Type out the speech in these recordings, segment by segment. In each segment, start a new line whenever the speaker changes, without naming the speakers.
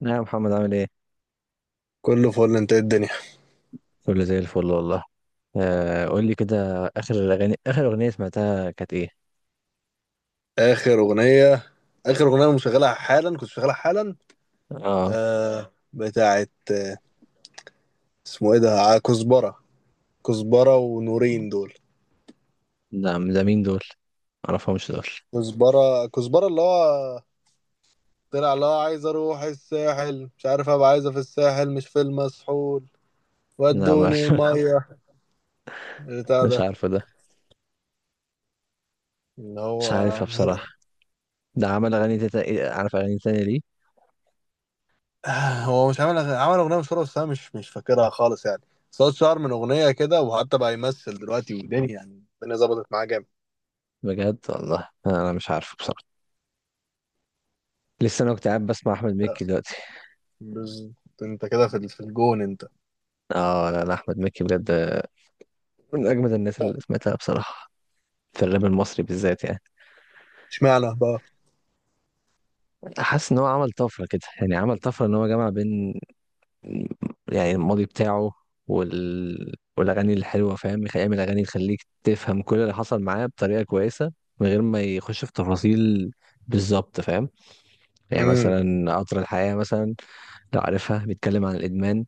نعم يا محمد عامل ايه؟
كله فل. انت ايه الدنيا؟
كله زي الفل والله. آه، قول لي كده. اخر الاغاني، اخر اغنية سمعتها كانت ايه؟
اخر اغنيه، انا مشغلها حالا، كنت شغالها حالا.
اه.
بتاعت اسمه ايه ده؟ كزبره. كزبره ونورين دول.
ده مين دول؟ معرفهمش دول.
كزبره كزبره اللي هو طلع، اللي هو عايز اروح الساحل، مش عارف، ابقى عايزه في الساحل مش في المسحول،
لا ما.
ودوني الميه بتاع
مش
ده،
عارفه ده.
اللي هو
مش عارفها بصراحة. ده عمل اغاني إيه، عارف اغاني تانية ليه؟
هو مش عامل عمل اغنيه مشهوره، بس انا مش فاكرها خالص يعني. صوت شعر من اغنيه كده، وحتى بقى يمثل دلوقتي ودنيا، يعني الدنيا ظبطت معاه جامد.
بجد والله انا مش عارفه بصراحة. لسه انا كنت قاعد بسمع احمد مكي دلوقتي.
بز... انت كده في في الجون انت.
اه، لا، احمد مكي بجد من اجمد الناس اللي سمعتها بصراحة، في الراب المصري بالذات يعني.
اشمعنى بقى؟
حاسس ان هو عمل طفرة كده، يعني عمل طفرة ان هو جمع بين، يعني الماضي بتاعه والاغاني الحلوه، فاهم، يعمل اغاني تخليك تفهم كل اللي حصل معاه بطريقه كويسه من غير ما يخش في تفاصيل. بالظبط فاهم. يعني
امم.
مثلا قطر الحياه مثلا، لو عارفها، بيتكلم عن الادمان،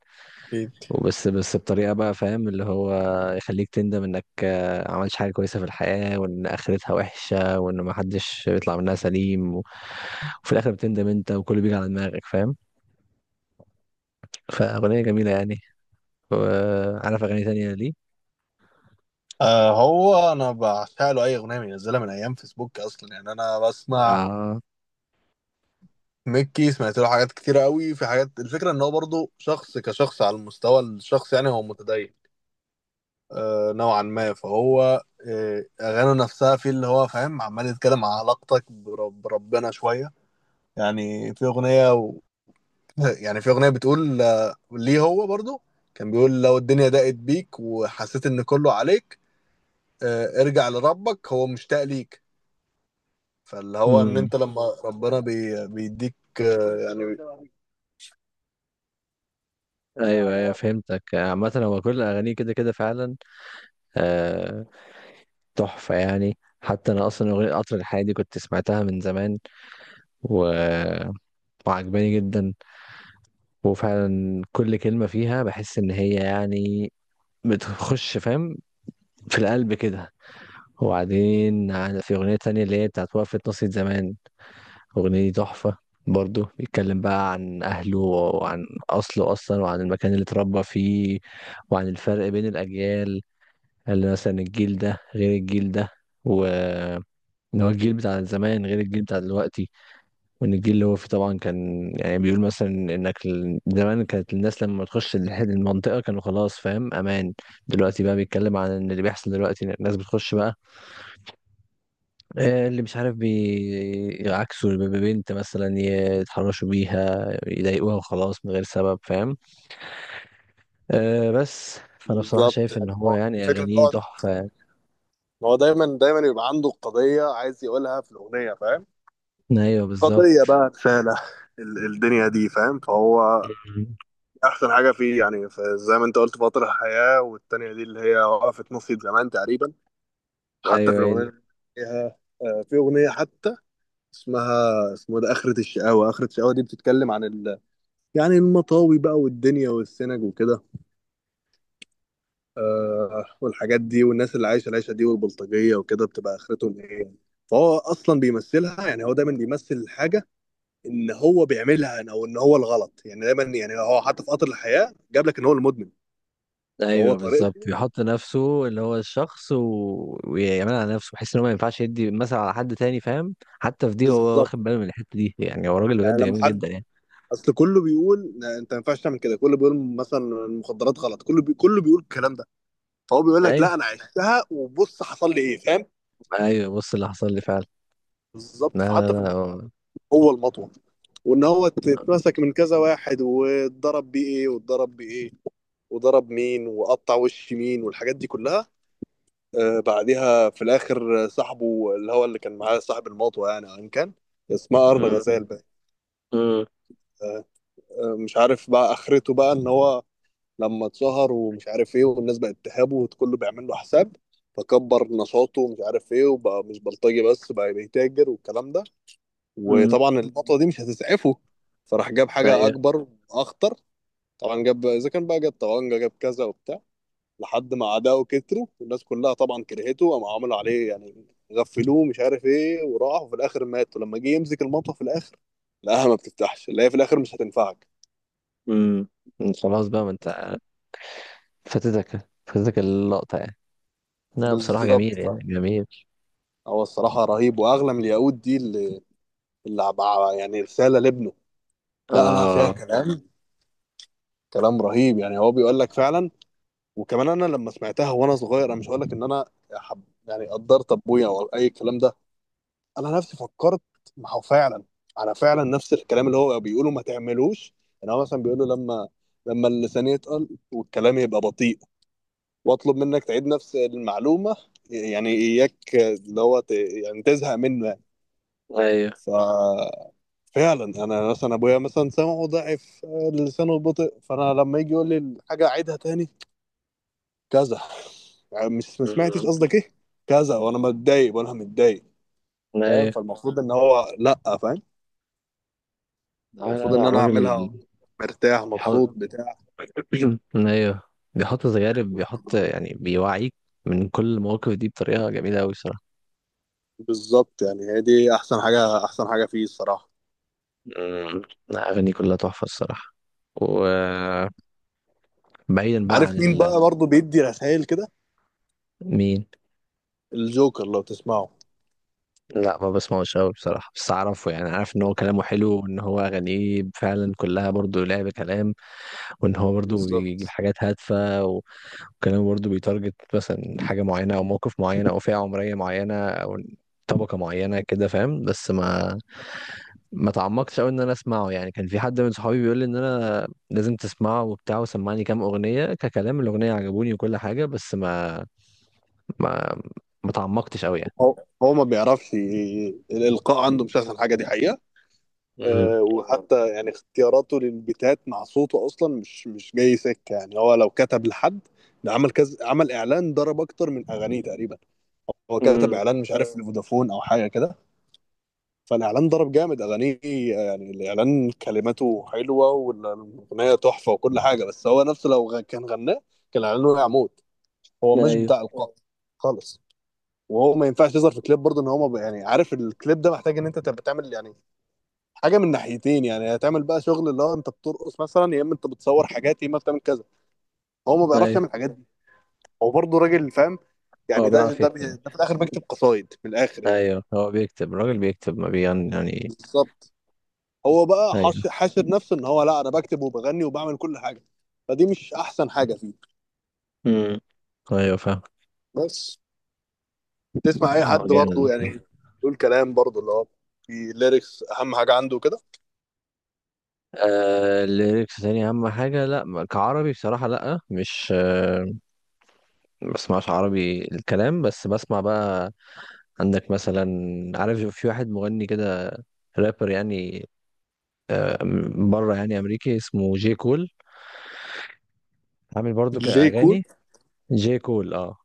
اكيد.
وبس بطريقه بقى، فاهم، اللي هو يخليك تندم انك عملتش حاجه كويسه في الحياه، وان اخرتها وحشه، وان ما حدش بيطلع منها سليم وفي الاخر بتندم انت، وكله بيجي على دماغك، فاهم. فاغنيه جميله يعني. وعارف اغاني تانية ليه.
آه، هو انا بعشق له اي اغنيه بينزلها من ايام فيسبوك اصلا، يعني انا بسمع
اه.
ميكي، سمعت له حاجات كتير قوي، في حاجات الفكره ان هو برضه شخص كشخص على المستوى الشخص، يعني هو متدين نوعا ما، فهو اغانيه نفسها في اللي هو فاهم، عمال يتكلم عن علاقتك بربنا شويه. يعني في اغنيه، بتقول ليه هو برضو كان بيقول: لو الدنيا ضاقت بيك وحسيت ان كله عليك، ارجع لربك هو مشتاق ليك. فاللي هو ان
امم.
انت لما ربنا بيديك، يعني.
ايوه فهمتك، عامة هو كل اغانيه كده كده فعلا. آه، تحفة يعني. حتى انا اصلا اغنية قطر الحياة دي كنت سمعتها من زمان، و... وعجباني جدا. وفعلا كل كلمة فيها بحس ان هي يعني بتخش، فاهم، في القلب كده. وبعدين في اغنية تانية اللي هي بتاعت وقفة ناصية زمان. أغنية دي تحفة. برضو بيتكلم بقى عن أهله، وعن أصله أصلا، وعن المكان اللي اتربى فيه، وعن الفرق بين الأجيال، اللي مثلا الجيل ده غير الجيل ده، و إن هو الجيل بتاع زمان غير الجيل بتاع دلوقتي. وإن الجيل اللي هو فيه طبعا، كان يعني بيقول مثلا إنك زمان كانت الناس لما تخش المنطقة، كانوا خلاص، فاهم، أمان. دلوقتي بقى بيتكلم عن إن اللي بيحصل دلوقتي، إن الناس بتخش بقى، آه، اللي مش عارف بيعكسوا البنت مثلا، يتحرشوا بيها، يضايقوها، وخلاص من غير سبب، فاهم. أه بس، فانا بصراحة
بالظبط،
شايف ان
يعني
هو
هو
يعني
الفكره ان
اغانيه
هو
تحفة.
إن هو دايما دايما يبقى عنده قضيه عايز يقولها في الاغنيه، فاهم.
ايوه بالظبط.
قضيه بقى، رساله الدنيا دي، فاهم. فهو
مم.
احسن حاجه فيه، يعني زي ما انت قلت فاطر الحياه، والتانيه دي اللي هي وقفت نص زمان تقريبا. حتى في
ايوه هي
الاغنيه
دي.
اللي فيها، في اغنيه حتى اسمها اسمه ده اخره الشقاوه. اخره الشقاوه دي بتتكلم عن يعني المطاوي بقى والدنيا والسنج وكده، والحاجات دي، والناس اللي عايشه العيشه دي والبلطجيه وكده، بتبقى اخرتهم ايه يعني. فهو اصلا بيمثلها، يعني هو دايما بيمثل حاجه ان هو بيعملها، او ان هو الغلط يعني. دايما يعني هو، حتى في قطر الحياه، جاب لك ان هو المدمن. فهو
ايوه بالظبط،
طريقته.
بيحط نفسه اللي هو الشخص ويعملها على نفسه، بحيث ان هو ما ينفعش يدي مثلا على حد تاني، فاهم. حتى في دي هو
بالظبط،
واخد باله من الحتة دي، يعني هو راجل
يعني
بجد
لما
جميل
حد،
جدا يعني.
اصل كله بيقول: لا، انت ما ينفعش تعمل كده. كله بيقول مثلا المخدرات غلط، كله بيقول الكلام ده. فهو بيقول لك:
ايوه
لا، انا عشتها وبص حصل لي ايه، فاهم.
ايوه بص اللي حصل لي فعلا.
بالظبط،
لا لا
فحتى في
لا
البيت هو المطوه، وان هو اتمسك من كذا واحد واتضرب بيه ايه واتضرب بايه، وضرب مين وقطع وش مين والحاجات دي كلها. آه. بعدها في الاخر، صاحبه اللي هو اللي كان معاه صاحب المطوه، يعني ان كان اسمها ارن
مم.
غزال بقى.
مم.
آه. مش عارف بقى اخرته، بقى ان هو لما اتشهر ومش عارف ايه، والناس بقت تهابه وكله بيعمل له حساب، فكبر نشاطه ومش عارف ايه، وبقى مش بلطجي بس، بقى بيتاجر والكلام ده.
مم.
وطبعا النقطة دي مش هتسعفه، فراح جاب حاجة
ايوه.
أكبر وأخطر. طبعا جاب، إذا كان بقى جاب طبنجة جاب كذا وبتاع، لحد ما أعدائه كتروا والناس كلها طبعا كرهته، قاموا عملوا عليه يعني، غفلوه مش عارف ايه، وراح وفي الآخر مات. ولما جه يمسك المطوة في الآخر لقاها ما بتفتحش، اللي هي في الآخر مش هتنفعك.
امم. خلاص بقى، ما انت فاتتك اللقطة يعني. لا بصراحة
بالظبط.
جميل يعني، جميل.
هو الصراحة رهيب. وأغلى من الياقوت دي يعني رسالة لابنه. لا لا، فيها
اه.
كلام. كلام رهيب، يعني هو بيقول لك فعلا. وكمان أنا لما سمعتها وأنا صغير، أنا مش هقول لك إن أنا حب يعني قدرت أبويا أو أي الكلام ده. أنا نفسي فكرت، ما هو فعلا أنا فعلا نفس الكلام اللي هو بيقوله ما تعملوش. يعني هو مثلا بيقوله: لما اللسان يتقل والكلام يبقى بطيء، وأطلب منك تعيد نفس المعلومة، يعني إياك اللي هو يعني تزهق منه يعني.
ايوه.
ف فعلا انا مثلا ابويا مثلا سمعه ضعف، لسانه بطء، فانا لما يجي يقول لي الحاجه اعيدها تاني كذا، يعني مش ما سمعتش
امم.
قصدك ايه كذا، وانا متضايق وانا متضايق، فاهم.
ايوه.
فالمفروض ان هو لا، فاهم.
لا لا
المفروض ان
لا
انا اعملها
الراجل
مرتاح مبسوط
بيحط.
بتاع.
ايوه، بيحط تجارب، بيحط يعني، بيوعيك من كل المواقف دي بطريقة جميلة أوي الصراحة.
بالظبط، يعني هي دي احسن حاجه، احسن حاجه فيه الصراحه.
امم. لا، أغاني كلها تحفة الصراحة. وبعيدا بقى عن
عارف مين بقى برضه بيدي رسائل كده؟
مين.
الجوكر، لو تسمعه.
لا ما بسمعوش قوي بصراحة، بس أعرفه يعني، عارف إن هو كلامه حلو، وإن هو أغانيه فعلا كلها برضو لعب كلام، وإن هو برضو بيجيب
بالظبط،
حاجات هادفة وكلامه برضو بيتارجت مثلا حاجة معينة، أو موقف معين، أو فئة عمرية معينة، أو طبقة معينة كده، فاهم. بس ما تعمقتش قوي إن أنا أسمعه يعني. كان في حد من صحابي بيقول لي إن أنا لازم تسمعه وبتاع، وسمعني كام أغنية، ككلام الأغنية عجبوني وكل حاجة، بس ما ما تعمقتش قوي يعني.
هو هو ما بيعرفش الالقاء عنده مش احسن حاجه دي حقيقه.
امم.
وحتى يعني اختياراته للبيتات مع صوته اصلا مش جاي سكه، يعني هو لو كتب لحد. ده عمل كذا، عمل اعلان ضرب اكتر من اغانيه تقريبا. هو كتب
امم.
اعلان مش عارف لفودافون او حاجه كده، فالاعلان ضرب جامد اغانيه. يعني الاعلان كلماته حلوه والاغنيه تحفه وكل حاجه، بس هو نفسه لو كان غناه كان الاعلان وقع موت. هو مش
ايوه.
بتاع القاء خالص. وهو ما ينفعش يظهر في كليب برضه، ان هو ما ب- يعني عارف الكليب ده محتاج ان انت تبقى تعمل يعني حاجه من ناحيتين، يعني هتعمل بقى شغل اللي هو انت بترقص مثلا، يا اما انت بتصور حاجات، يا اما بتعمل كذا. هو ما بيعرفش يعمل
ايوه.
الحاجات دي. هو برضه راجل فاهم،
هو
يعني
بيعرف يكتب.
ده في الاخر بيكتب قصايد من الاخر يعني.
ايوه هو بيكتب، الراجل بيكتب ما بيغني يعني.
بالظبط. هو بقى
ايوه.
حاشر نفسه ان هو لا، انا بكتب وبغني وبعمل كل حاجه، فدي مش احسن حاجه فيه.
امم. ايوه فاهم.
بس تسمع اي
اه
حد برضه
جامد.
يعني يقول كلام برضه اللي هو في ليركس اهم حاجه عنده كده.
آه الليركس تاني اهم حاجه. لا ما- كعربي بصراحه، لا مش آه. ما بسمعش عربي الكلام، بس بسمع بقى. عندك مثلا، عارف في واحد مغني كده، رابر يعني، آه، بره يعني، امريكي، اسمه جي كول. عامل برضو
جي كول.
كاغاني. جي كول اه.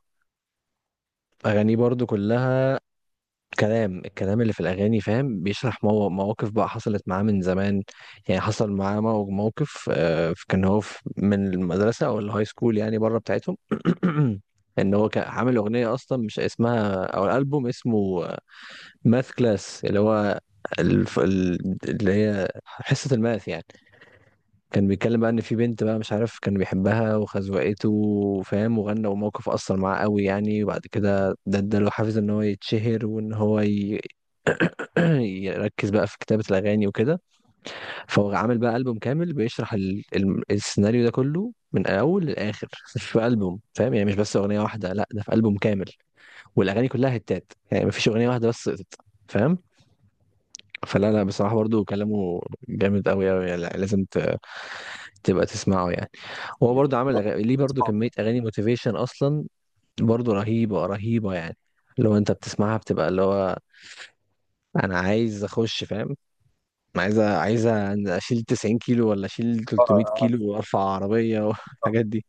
اغانيه برضو كلها الكلام اللي في الأغاني، فاهم، بيشرح مواقف بقى حصلت معاه من زمان. يعني حصل معاه موقف، آه، كان هو من المدرسة أو الهاي سكول يعني، بره بتاعتهم. إن هو كان عامل أغنية، أصلا مش اسمها أو الألبوم اسمه ماث كلاس، اللي هو اللي هي حصة الماث يعني. كان بيتكلم بقى إن في بنت بقى، مش عارف، كان بيحبها وخزوقته، فاهم، وغنى، وموقف أثر معاه قوي يعني. وبعد كده ده اداله حافز إن هو يتشهر، وإن هو يركز بقى في كتابة الأغاني وكده. فهو عامل بقى ألبوم كامل بيشرح السيناريو ده كله من أول للآخر، في ألبوم، فاهم يعني، مش بس أغنية واحدة، لا ده في ألبوم كامل. والأغاني كلها هتات يعني، مفيش أغنية واحدة بس سقطت، فاهم. فلا لا بصراحة، برضو كلامه جامد أوي أوي يعني. لا، لازم تبقى تسمعه يعني. هو برضو عامل ليه برضو كمية
آه.
أغاني موتيفيشن أصلا، برضو رهيبة رهيبة يعني. لو أنت بتسمعها بتبقى اللي هو أنا عايز أخش، فاهم. انا عايزه اشيل 90 كيلو، ولا اشيل 300
آه.
كيلو، وارفع عربيه
آه.
والحاجات دي.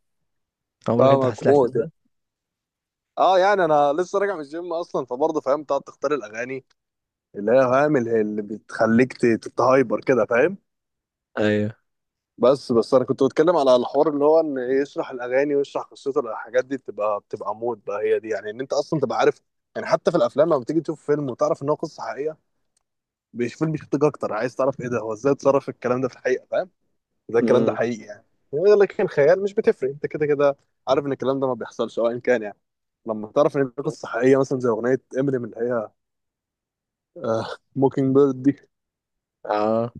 عمرك انت حاسس
فاهمك
الاحساس
موت.
ده.
اه، يعني انا لسه راجع من الجيم اصلا، فبرضه فاهم تقعد تختار الاغاني اللي هي فاهم، اللي بتخليك تتهايبر كده، فاهم.
ايوه.
بس بس انا كنت بتكلم على الحوار اللي هو ان إيه، يشرح الاغاني ويشرح قصته. الحاجات دي بتبقى مود بقى هي دي، يعني ان انت اصلا تبقى عارف. يعني حتى في الافلام لما بتيجي تشوف فيلم وتعرف ان هو قصه حقيقيه، فيلم بيشدك اكتر، عايز تعرف ايه ده، هو ازاي اتصرف الكلام ده في الحقيقه، فاهم؟ ازاي الكلام ده
امم.
حقيقي يعني. لكن الخيال مش بتفرق، انت كده كده عارف ان الكلام ده ما بيحصلش، او ان كان يعني لما تعرف ان دي قصه حقيقيه، مثلا زي اغنيه امينيم اللي هي، آه موكينج بيرد دي،
اه.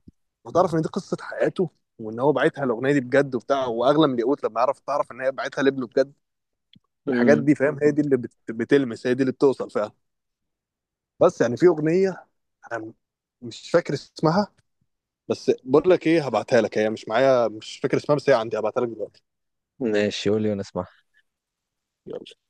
وتعرف ان دي قصه حياته، وان هو باعتها الاغنيه دي بجد وبتاع، واغلى من الياقوت لما تعرف ان هي باعتها لابنه بجد. الحاجات
امم.
دي فاهم هي دي اللي بتلمس، هي دي اللي بتوصل فعلا. بس يعني في اغنيه، أنا مش فاكر اسمها، بس بقول لك ايه، هبعتها لك. هي مش معايا، مش فاكر اسمها، بس هي عندي هبعتها لك دلوقتي.
ماشي قول لي وانا اسمع.
يلا.